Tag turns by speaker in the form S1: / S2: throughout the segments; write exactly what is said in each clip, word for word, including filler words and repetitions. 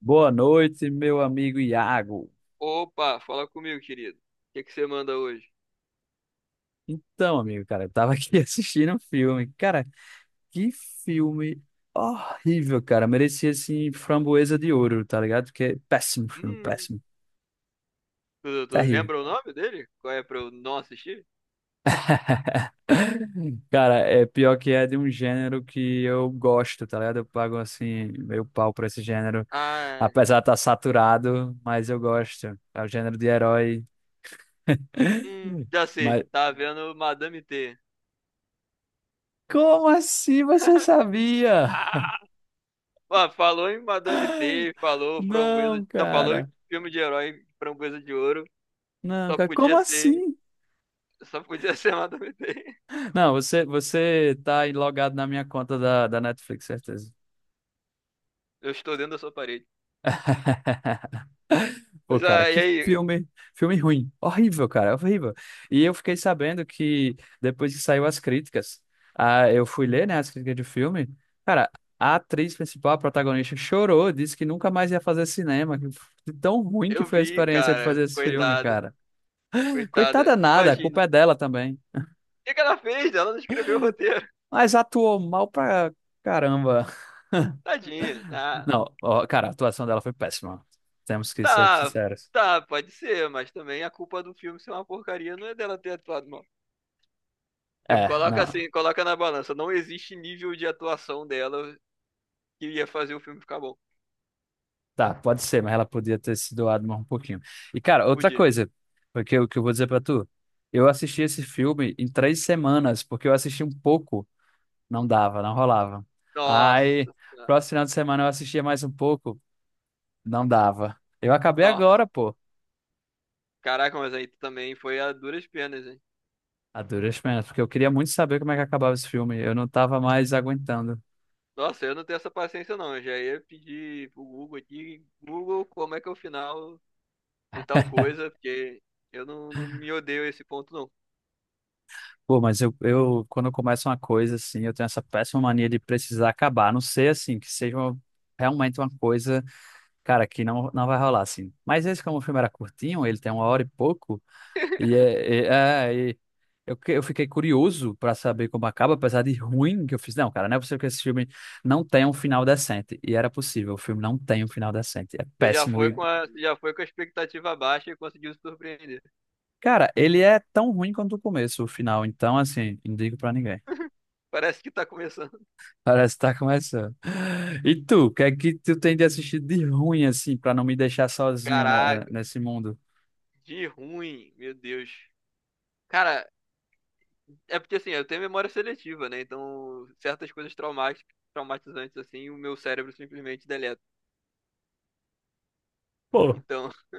S1: Boa noite, meu amigo Iago.
S2: Opa, fala comigo, querido. O que que você manda hoje?
S1: Então, amigo, cara, eu tava aqui assistindo um filme. Cara, que filme horrível, cara. Merecia, assim, Framboesa de Ouro, tá ligado? Porque é péssimo filme,
S2: Hum,
S1: péssimo.
S2: tu, tu
S1: Terrível.
S2: lembra o nome dele? Qual é pra eu não assistir?
S1: Cara, é pior que é de um gênero que eu gosto, tá ligado? Eu pago, assim, meio pau pra esse gênero.
S2: Ah,
S1: Apesar de estar saturado, mas eu gosto. É o gênero de herói.
S2: hum, já sei.
S1: Mas
S2: Tá vendo Madame T.
S1: como assim você sabia?
S2: Ah, falou em Madame T, falou Framboesa,
S1: Não,
S2: não, falou em
S1: cara.
S2: filme de herói Framboesa de Ouro.
S1: Não,
S2: Só
S1: cara, como
S2: podia ser,
S1: assim?
S2: só podia ser Madame T.
S1: Não, você, você tá aí logado na minha conta da, da Netflix, certeza.
S2: Eu estou dentro da sua parede.
S1: Pô,
S2: Pois
S1: cara,
S2: ah, e
S1: que
S2: aí,
S1: filme, filme ruim. Horrível, cara, horrível. E eu fiquei sabendo que depois que saiu as críticas, ah, eu fui ler, né, as críticas de filme. Cara, a atriz principal, a protagonista, chorou, disse que nunca mais ia fazer cinema. Que de tão ruim que
S2: eu
S1: foi a
S2: vi,
S1: experiência de
S2: cara,
S1: fazer esse filme,
S2: coitada,
S1: cara.
S2: coitada.
S1: Coitada nada, a
S2: Imagine,
S1: culpa
S2: o
S1: é dela também.
S2: que que ela fez? Ela não escreveu o roteiro.
S1: Mas atuou mal pra caramba.
S2: Tadinha, ah,
S1: Não, ó, cara, a atuação dela foi péssima. Temos que ser
S2: Tá,
S1: sinceros.
S2: tá, pode ser, mas também a culpa do filme ser uma porcaria não é dela ter atuado mal. Tipo,
S1: É,
S2: coloca
S1: não.
S2: assim, coloca na balança. Não existe nível de atuação dela que ia fazer o filme ficar bom.
S1: Tá, pode ser, mas ela podia ter se doado mais um pouquinho. E, cara, outra
S2: Podia.
S1: coisa, porque o que eu vou dizer pra tu, eu assisti esse filme em três semanas, porque eu assisti um pouco, não dava, não rolava.
S2: Nossa,
S1: Aí,
S2: senhora.
S1: próximo final de semana eu assistia mais um pouco, não dava. Eu acabei
S2: Nossa.
S1: agora, pô,
S2: Caraca, mas aí também foi a duras penas, hein?
S1: a duras penas, porque eu queria muito saber como é que acabava esse filme. Eu não tava mais aguentando.
S2: Nossa, eu não tenho essa paciência não. Eu já ia pedir pro Google aqui, Google, como é que é o final de tal coisa, porque eu não, não me odeio a esse ponto não.
S1: Pô, mas eu, eu, quando eu começo uma coisa assim, eu tenho essa péssima mania de precisar acabar. A não ser assim, que seja uma- realmente uma coisa, cara, que não, não vai rolar assim. Mas esse, como o filme era curtinho, ele tem uma hora e pouco, e é, é, é, e eu, que- eu fiquei curioso pra saber como acaba, apesar de ruim que eu fiz. Não, cara, não é possível que esse filme não tenha um final decente. E era possível, o filme não tem um final decente. É
S2: Você já
S1: péssimo.
S2: foi
S1: E,
S2: com a, você já foi com a expectativa baixa e conseguiu se surpreender.
S1: cara, ele é tão ruim quanto o começo, o final. Então, assim, não digo pra ninguém.
S2: Parece que tá começando.
S1: Parece que tá começando. E tu, o que é que tu tem de assistido de ruim, assim, pra não me deixar sozinho, né, eh,
S2: Caraca,
S1: nesse mundo?
S2: de ruim, meu Deus. Cara, é porque assim, eu tenho memória seletiva, né? Então, certas coisas traumáticas, traumatizantes, assim, o meu cérebro simplesmente deleta.
S1: Pô,
S2: Então,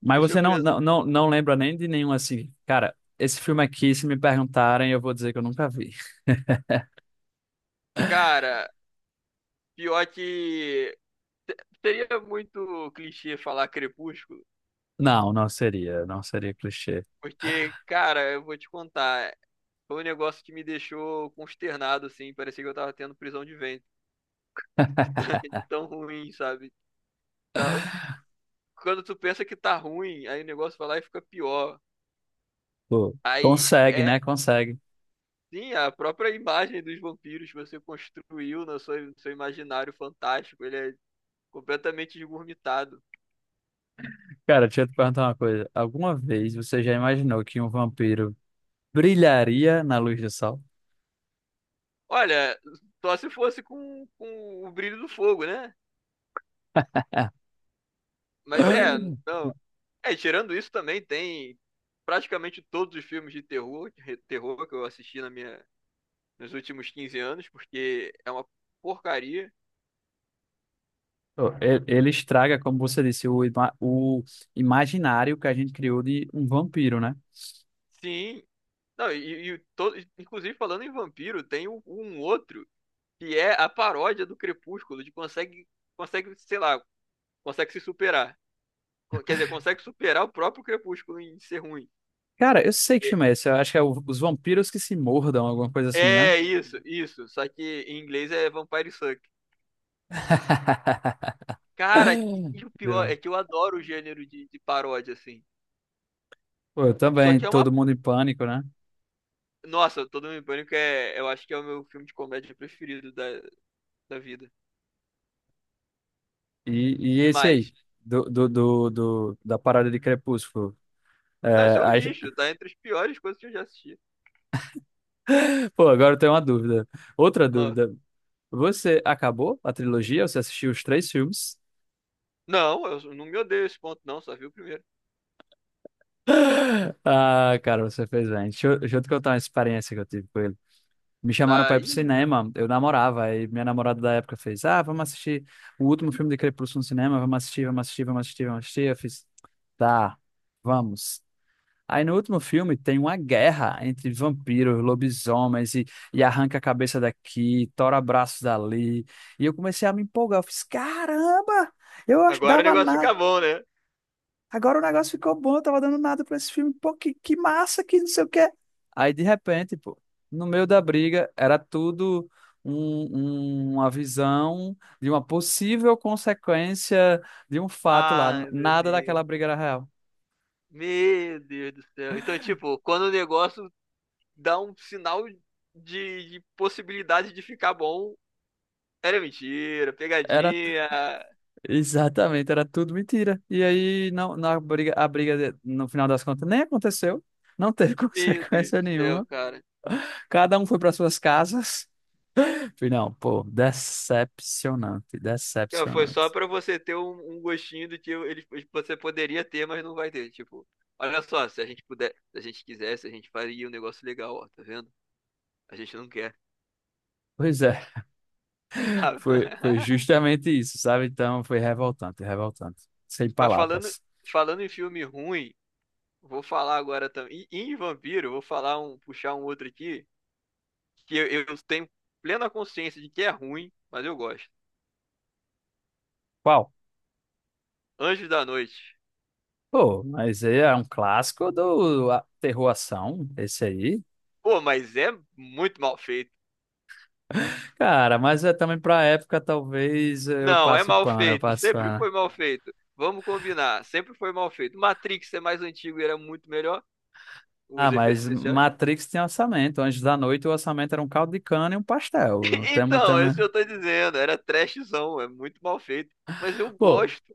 S1: mas
S2: deixa
S1: você
S2: eu
S1: não,
S2: pensar.
S1: não, não, não lembra nem de nenhum, assim. Cara, esse filme aqui, se me perguntarem, eu vou dizer que eu nunca vi.
S2: Cara, pior que. se- Seria muito clichê falar Crepúsculo,
S1: Não, não seria, não seria clichê.
S2: porque, cara, eu vou te contar. Foi um negócio que me deixou consternado, assim. Parecia que eu tava tendo prisão de ventre. De tão, de tão ruim, sabe? Tá- quando tu pensa que tá ruim, aí o negócio vai lá e fica pior.
S1: Pô,
S2: Aí
S1: consegue, né?
S2: é,
S1: Consegue.
S2: sim, a própria imagem dos vampiros que você construiu no seu, no seu, imaginário fantástico, ele é completamente esgurmitado.
S1: Cara, deixa eu te perguntar uma coisa. Alguma vez você já imaginou que um vampiro brilharia na luz do sol?
S2: Olha, só se fosse com, com o brilho do fogo, né? Mas é, não. É, tirando isso também tem praticamente todos os filmes de terror, de re- terror que eu assisti na minha, nos últimos quinze anos, porque é uma porcaria.
S1: Oh, e- ele estraga, como você disse, o, ima- o imaginário que a gente criou de um vampiro, né?
S2: Sim, não, e, e todo, inclusive falando em vampiro, tem um, um outro que é a paródia do Crepúsculo, de consegue, consegue, sei lá, consegue se superar. Co- Quer dizer, consegue superar o próprio Crepúsculo em ser ruim.
S1: Cara, eu sei que
S2: E-
S1: filme é esse. Eu acho que é o- Os Vampiros que se Mordam, alguma coisa assim, né?
S2: É isso, isso. Só que em inglês é Vampire Suck. Cara, e e o pior
S1: Entendeu?
S2: é que eu adoro o gênero de, de paródia, assim.
S1: Pô, eu
S2: Só
S1: também,
S2: que é uma.
S1: Todo Mundo em Pânico, né?
S2: Nossa, Todo Mundo em Pânico é. Eu acho que é o meu filme de comédia preferido da, da vida.
S1: E, e
S2: Que
S1: esse aí,
S2: mais?
S1: do, do, do, do- da parada de Crepúsculo.
S2: Não, isso
S1: É,
S2: é um
S1: aí-
S2: lixo, tá entre as piores coisas que eu já assisti.
S1: Pô, agora eu tenho uma dúvida. Outra
S2: Ah.
S1: dúvida. Você acabou a trilogia? Você assistiu os três filmes?
S2: Não, eu não me odeio esse ponto, não, só vi o primeiro.
S1: Ah, cara, você fez bem. Deixa eu, deixa eu te contar uma experiência que eu tive com ele. Me chamaram pra ir pro
S2: Daí,
S1: cinema, eu namorava, aí minha namorada da época fez: Ah, vamos assistir o último filme de Crepúsculo no cinema, vamos assistir, vamos assistir, vamos assistir, vamos assistir. Eu fiz: Tá, vamos. Aí no último filme tem uma guerra entre vampiros, lobisomens e, e arranca a cabeça daqui, tora braços dali. E eu comecei a me empolgar, eu fiz: Caramba! Eu ach-
S2: agora o
S1: dava
S2: negócio fica
S1: nada.
S2: bom, né?
S1: Agora o negócio ficou bom, eu tava dando nada pra esse filme. Pô, que, que massa, que não sei o quê. Aí, de repente, pô, no meio da briga, era tudo um- um- uma visão de uma possível consequência de um fato lá.
S2: Ai, meu
S1: Nada
S2: Deus.
S1: daquela briga era real.
S2: Meu Deus do céu. Então, tipo, quando o negócio dá um sinal de, de possibilidade de ficar bom, era mentira,
S1: Era
S2: pegadinha.
S1: exatamente, era tudo mentira. E aí, não, na briga, a briga, de- no final das contas, nem aconteceu. Não teve
S2: Meu Deus
S1: consequência
S2: do céu,
S1: nenhuma.
S2: cara.
S1: Cada um foi para suas casas. Falei: Não, pô, decepcionante,
S2: Então, foi só
S1: decepcionante.
S2: pra você ter um, um gostinho do que ele, você poderia ter, mas não vai ter. Tipo, olha só, se a gente puder, se a gente quisesse, a gente faria um negócio legal, ó, tá vendo? A gente não quer,
S1: Pois é,
S2: sabe?
S1: foi, foi justamente isso, sabe? Então foi revoltante, revoltante. Sem
S2: Mas falando,
S1: palavras.
S2: falando em filme ruim, vou falar agora também. E em vampiro, vou falar um, puxar um outro aqui, que eu, eu tenho plena consciência de que é ruim, mas eu gosto.
S1: Qual?
S2: Anjos da Noite.
S1: Pô, mas aí é um clássico do a- terror ação, esse aí.
S2: Pô, mas é muito mal feito.
S1: Cara, mas é também pra época, talvez eu
S2: Não, é
S1: passe
S2: mal
S1: pano, eu
S2: feito.
S1: passe
S2: Sempre
S1: pano.
S2: foi mal feito. Vamos combinar. Sempre foi mal feito. Matrix é mais antigo e era muito melhor.
S1: Ah,
S2: Os efeitos
S1: mas
S2: especiais.
S1: Matrix tem orçamento. Antes da Noite, o orçamento era um caldo de cana e um pastel. Temos,
S2: Então,
S1: temos...
S2: esse eu tô dizendo. Era trashzão. É muito mal feito. Mas eu
S1: Pô,
S2: gosto.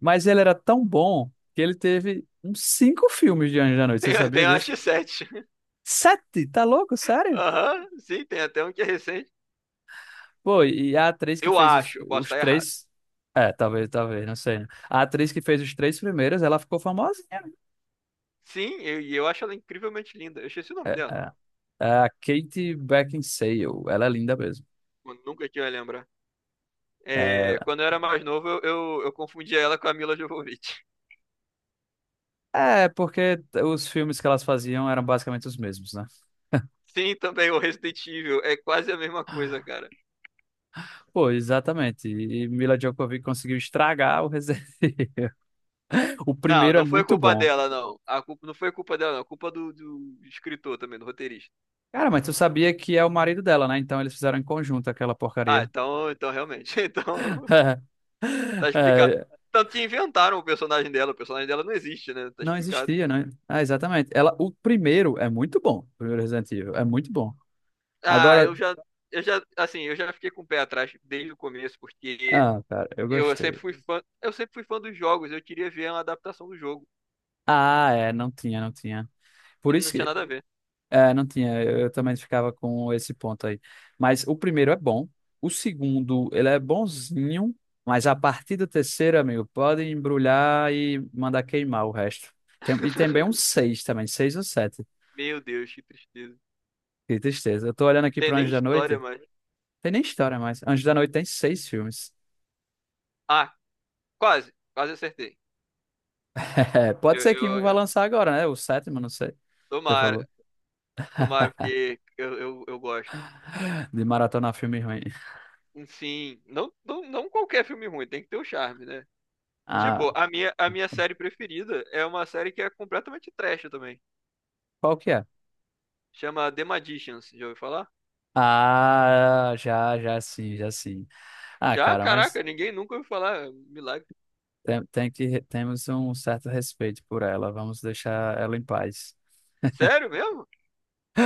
S1: mas ele era tão bom que ele teve uns cinco filmes de Antes da Noite. Você
S2: Tem,
S1: sabia
S2: tem a
S1: disso?
S2: x sete.
S1: Sete? Tá louco? Sério?
S2: Aham, sim, tem até um que é recente.
S1: Pô, e a atriz que
S2: Eu
S1: fez os,
S2: acho, eu posso
S1: os
S2: estar errado.
S1: três. É, talvez, talvez, não sei, né? A atriz que fez os três primeiros, ela ficou famosinha, né?
S2: Sim, eu- e eu, acho ela incrivelmente linda. Eu esqueci o
S1: É,
S2: nome dela.
S1: é, é a Kate Beckinsale. Ela é linda mesmo.
S2: Eu nunca que eu ia lembrar. É,
S1: É,
S2: quando eu era mais novo, eu, eu, eu confundia ela com a Mila Jovovich.
S1: é, porque os filmes que elas faziam eram basicamente os mesmos, né?
S2: Sim, também o Resident Evil. É quase a mesma coisa, cara.
S1: Pô, exatamente. E Mila Djokovic conseguiu estragar o Resident Evil. O
S2: Não,
S1: primeiro é
S2: não foi
S1: muito
S2: culpa
S1: bom.
S2: dela, não. A culpa, não foi culpa dela, não. A culpa do, do escritor também, do roteirista.
S1: Cara, mas tu sabia que é o marido dela, né? Então eles fizeram em conjunto aquela
S2: Ah,
S1: porcaria.
S2: então, então realmente. Então, tá explicado.
S1: É,
S2: Tanto que inventaram o personagem dela. O personagem dela não existe, né? Tá
S1: não
S2: explicado.
S1: existia, né? Ah, exatamente. Ela, o primeiro é muito bom. O primeiro Resident Evil é muito bom.
S2: Ah,
S1: Agora,
S2: eu já, eu já, assim, eu já fiquei com o pé atrás desde o começo, porque
S1: ah, cara, eu
S2: eu sempre
S1: gostei.
S2: fui fã, eu sempre fui fã dos jogos, eu queria ver uma adaptação do jogo,
S1: Ah, é, não tinha, não tinha.
S2: e
S1: Por isso
S2: não tinha
S1: que,
S2: nada a ver.
S1: é, não tinha. Eu, eu também ficava com esse ponto aí. Mas o primeiro é bom. O segundo, ele é bonzinho. Mas a partir do terceiro, amigo, pode embrulhar e mandar queimar o resto. Tem- e tem bem um seis também, seis ou sete.
S2: Meu Deus, que tristeza.
S1: Que tristeza. Eu tô olhando aqui
S2: Tem
S1: pro
S2: nem
S1: Anjo da
S2: história,
S1: Noite.
S2: mas.
S1: Tem nem história mais. Anjo da Noite tem seis filmes.
S2: Ah, quase, quase acertei.
S1: É, pode
S2: Eu,
S1: ser que um
S2: eu,
S1: vai
S2: eu-
S1: lançar agora, né? O sétimo, não sei. Você
S2: tomara,
S1: falou
S2: tomara, porque eu, eu, eu gosto.
S1: de maratona filme ruim.
S2: Sim, não, não, não qualquer filme ruim, tem que ter o charme, né?
S1: Ah,
S2: Tipo, a minha, a minha, série preferida é uma série que é completamente trash também.
S1: qual que é?
S2: Chama The Magicians, já ouviu falar?
S1: Ah, já, já sim, já sim. Ah,
S2: Já,
S1: cara, mas
S2: caraca, ninguém nunca ouviu falar. Milagre.
S1: tem, tem que, temos um certo respeito por ela. Vamos deixar ela em paz.
S2: Sério mesmo?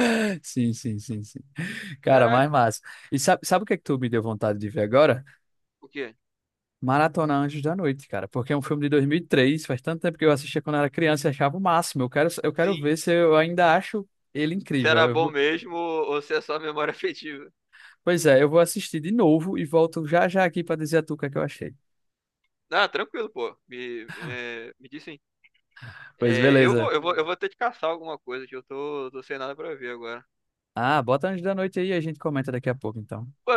S1: Sim, sim, sim, sim. Cara, mais
S2: Caraca,
S1: massa. E sabe, sabe o que é que tu me deu vontade de ver agora?
S2: o quê?
S1: Maratona Anjos da Noite, cara. Porque é um filme de dois mil e três. Faz tanto tempo que eu assistia quando era criança e achava o máximo. Eu quero, eu quero
S2: Sim.
S1: ver se eu ainda acho ele
S2: Se era bom
S1: incrível.
S2: mesmo ou ou se é só memória afetiva.
S1: Pois é, eu vou assistir de novo e volto já já aqui pra dizer a tu o que é que eu achei.
S2: Ah, tranquilo, pô. Me, é, me diz sim.
S1: Pois
S2: É, eu
S1: beleza.
S2: vou, eu vou, eu vou ter que caçar alguma coisa que eu tô, tô, sem nada pra ver agora.
S1: Ah, bota Antes da Noite aí e a gente comenta daqui a pouco, então.
S2: Pô,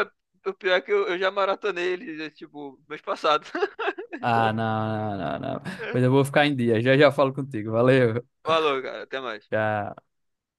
S2: o pior é que eu, eu já maratonei ele, tipo, mês passado.
S1: Ah,
S2: Então,
S1: não, não, não, não. Pois eu vou ficar em dia. Já já falo contigo. Valeu.
S2: falou, cara. Até mais.
S1: Tchau.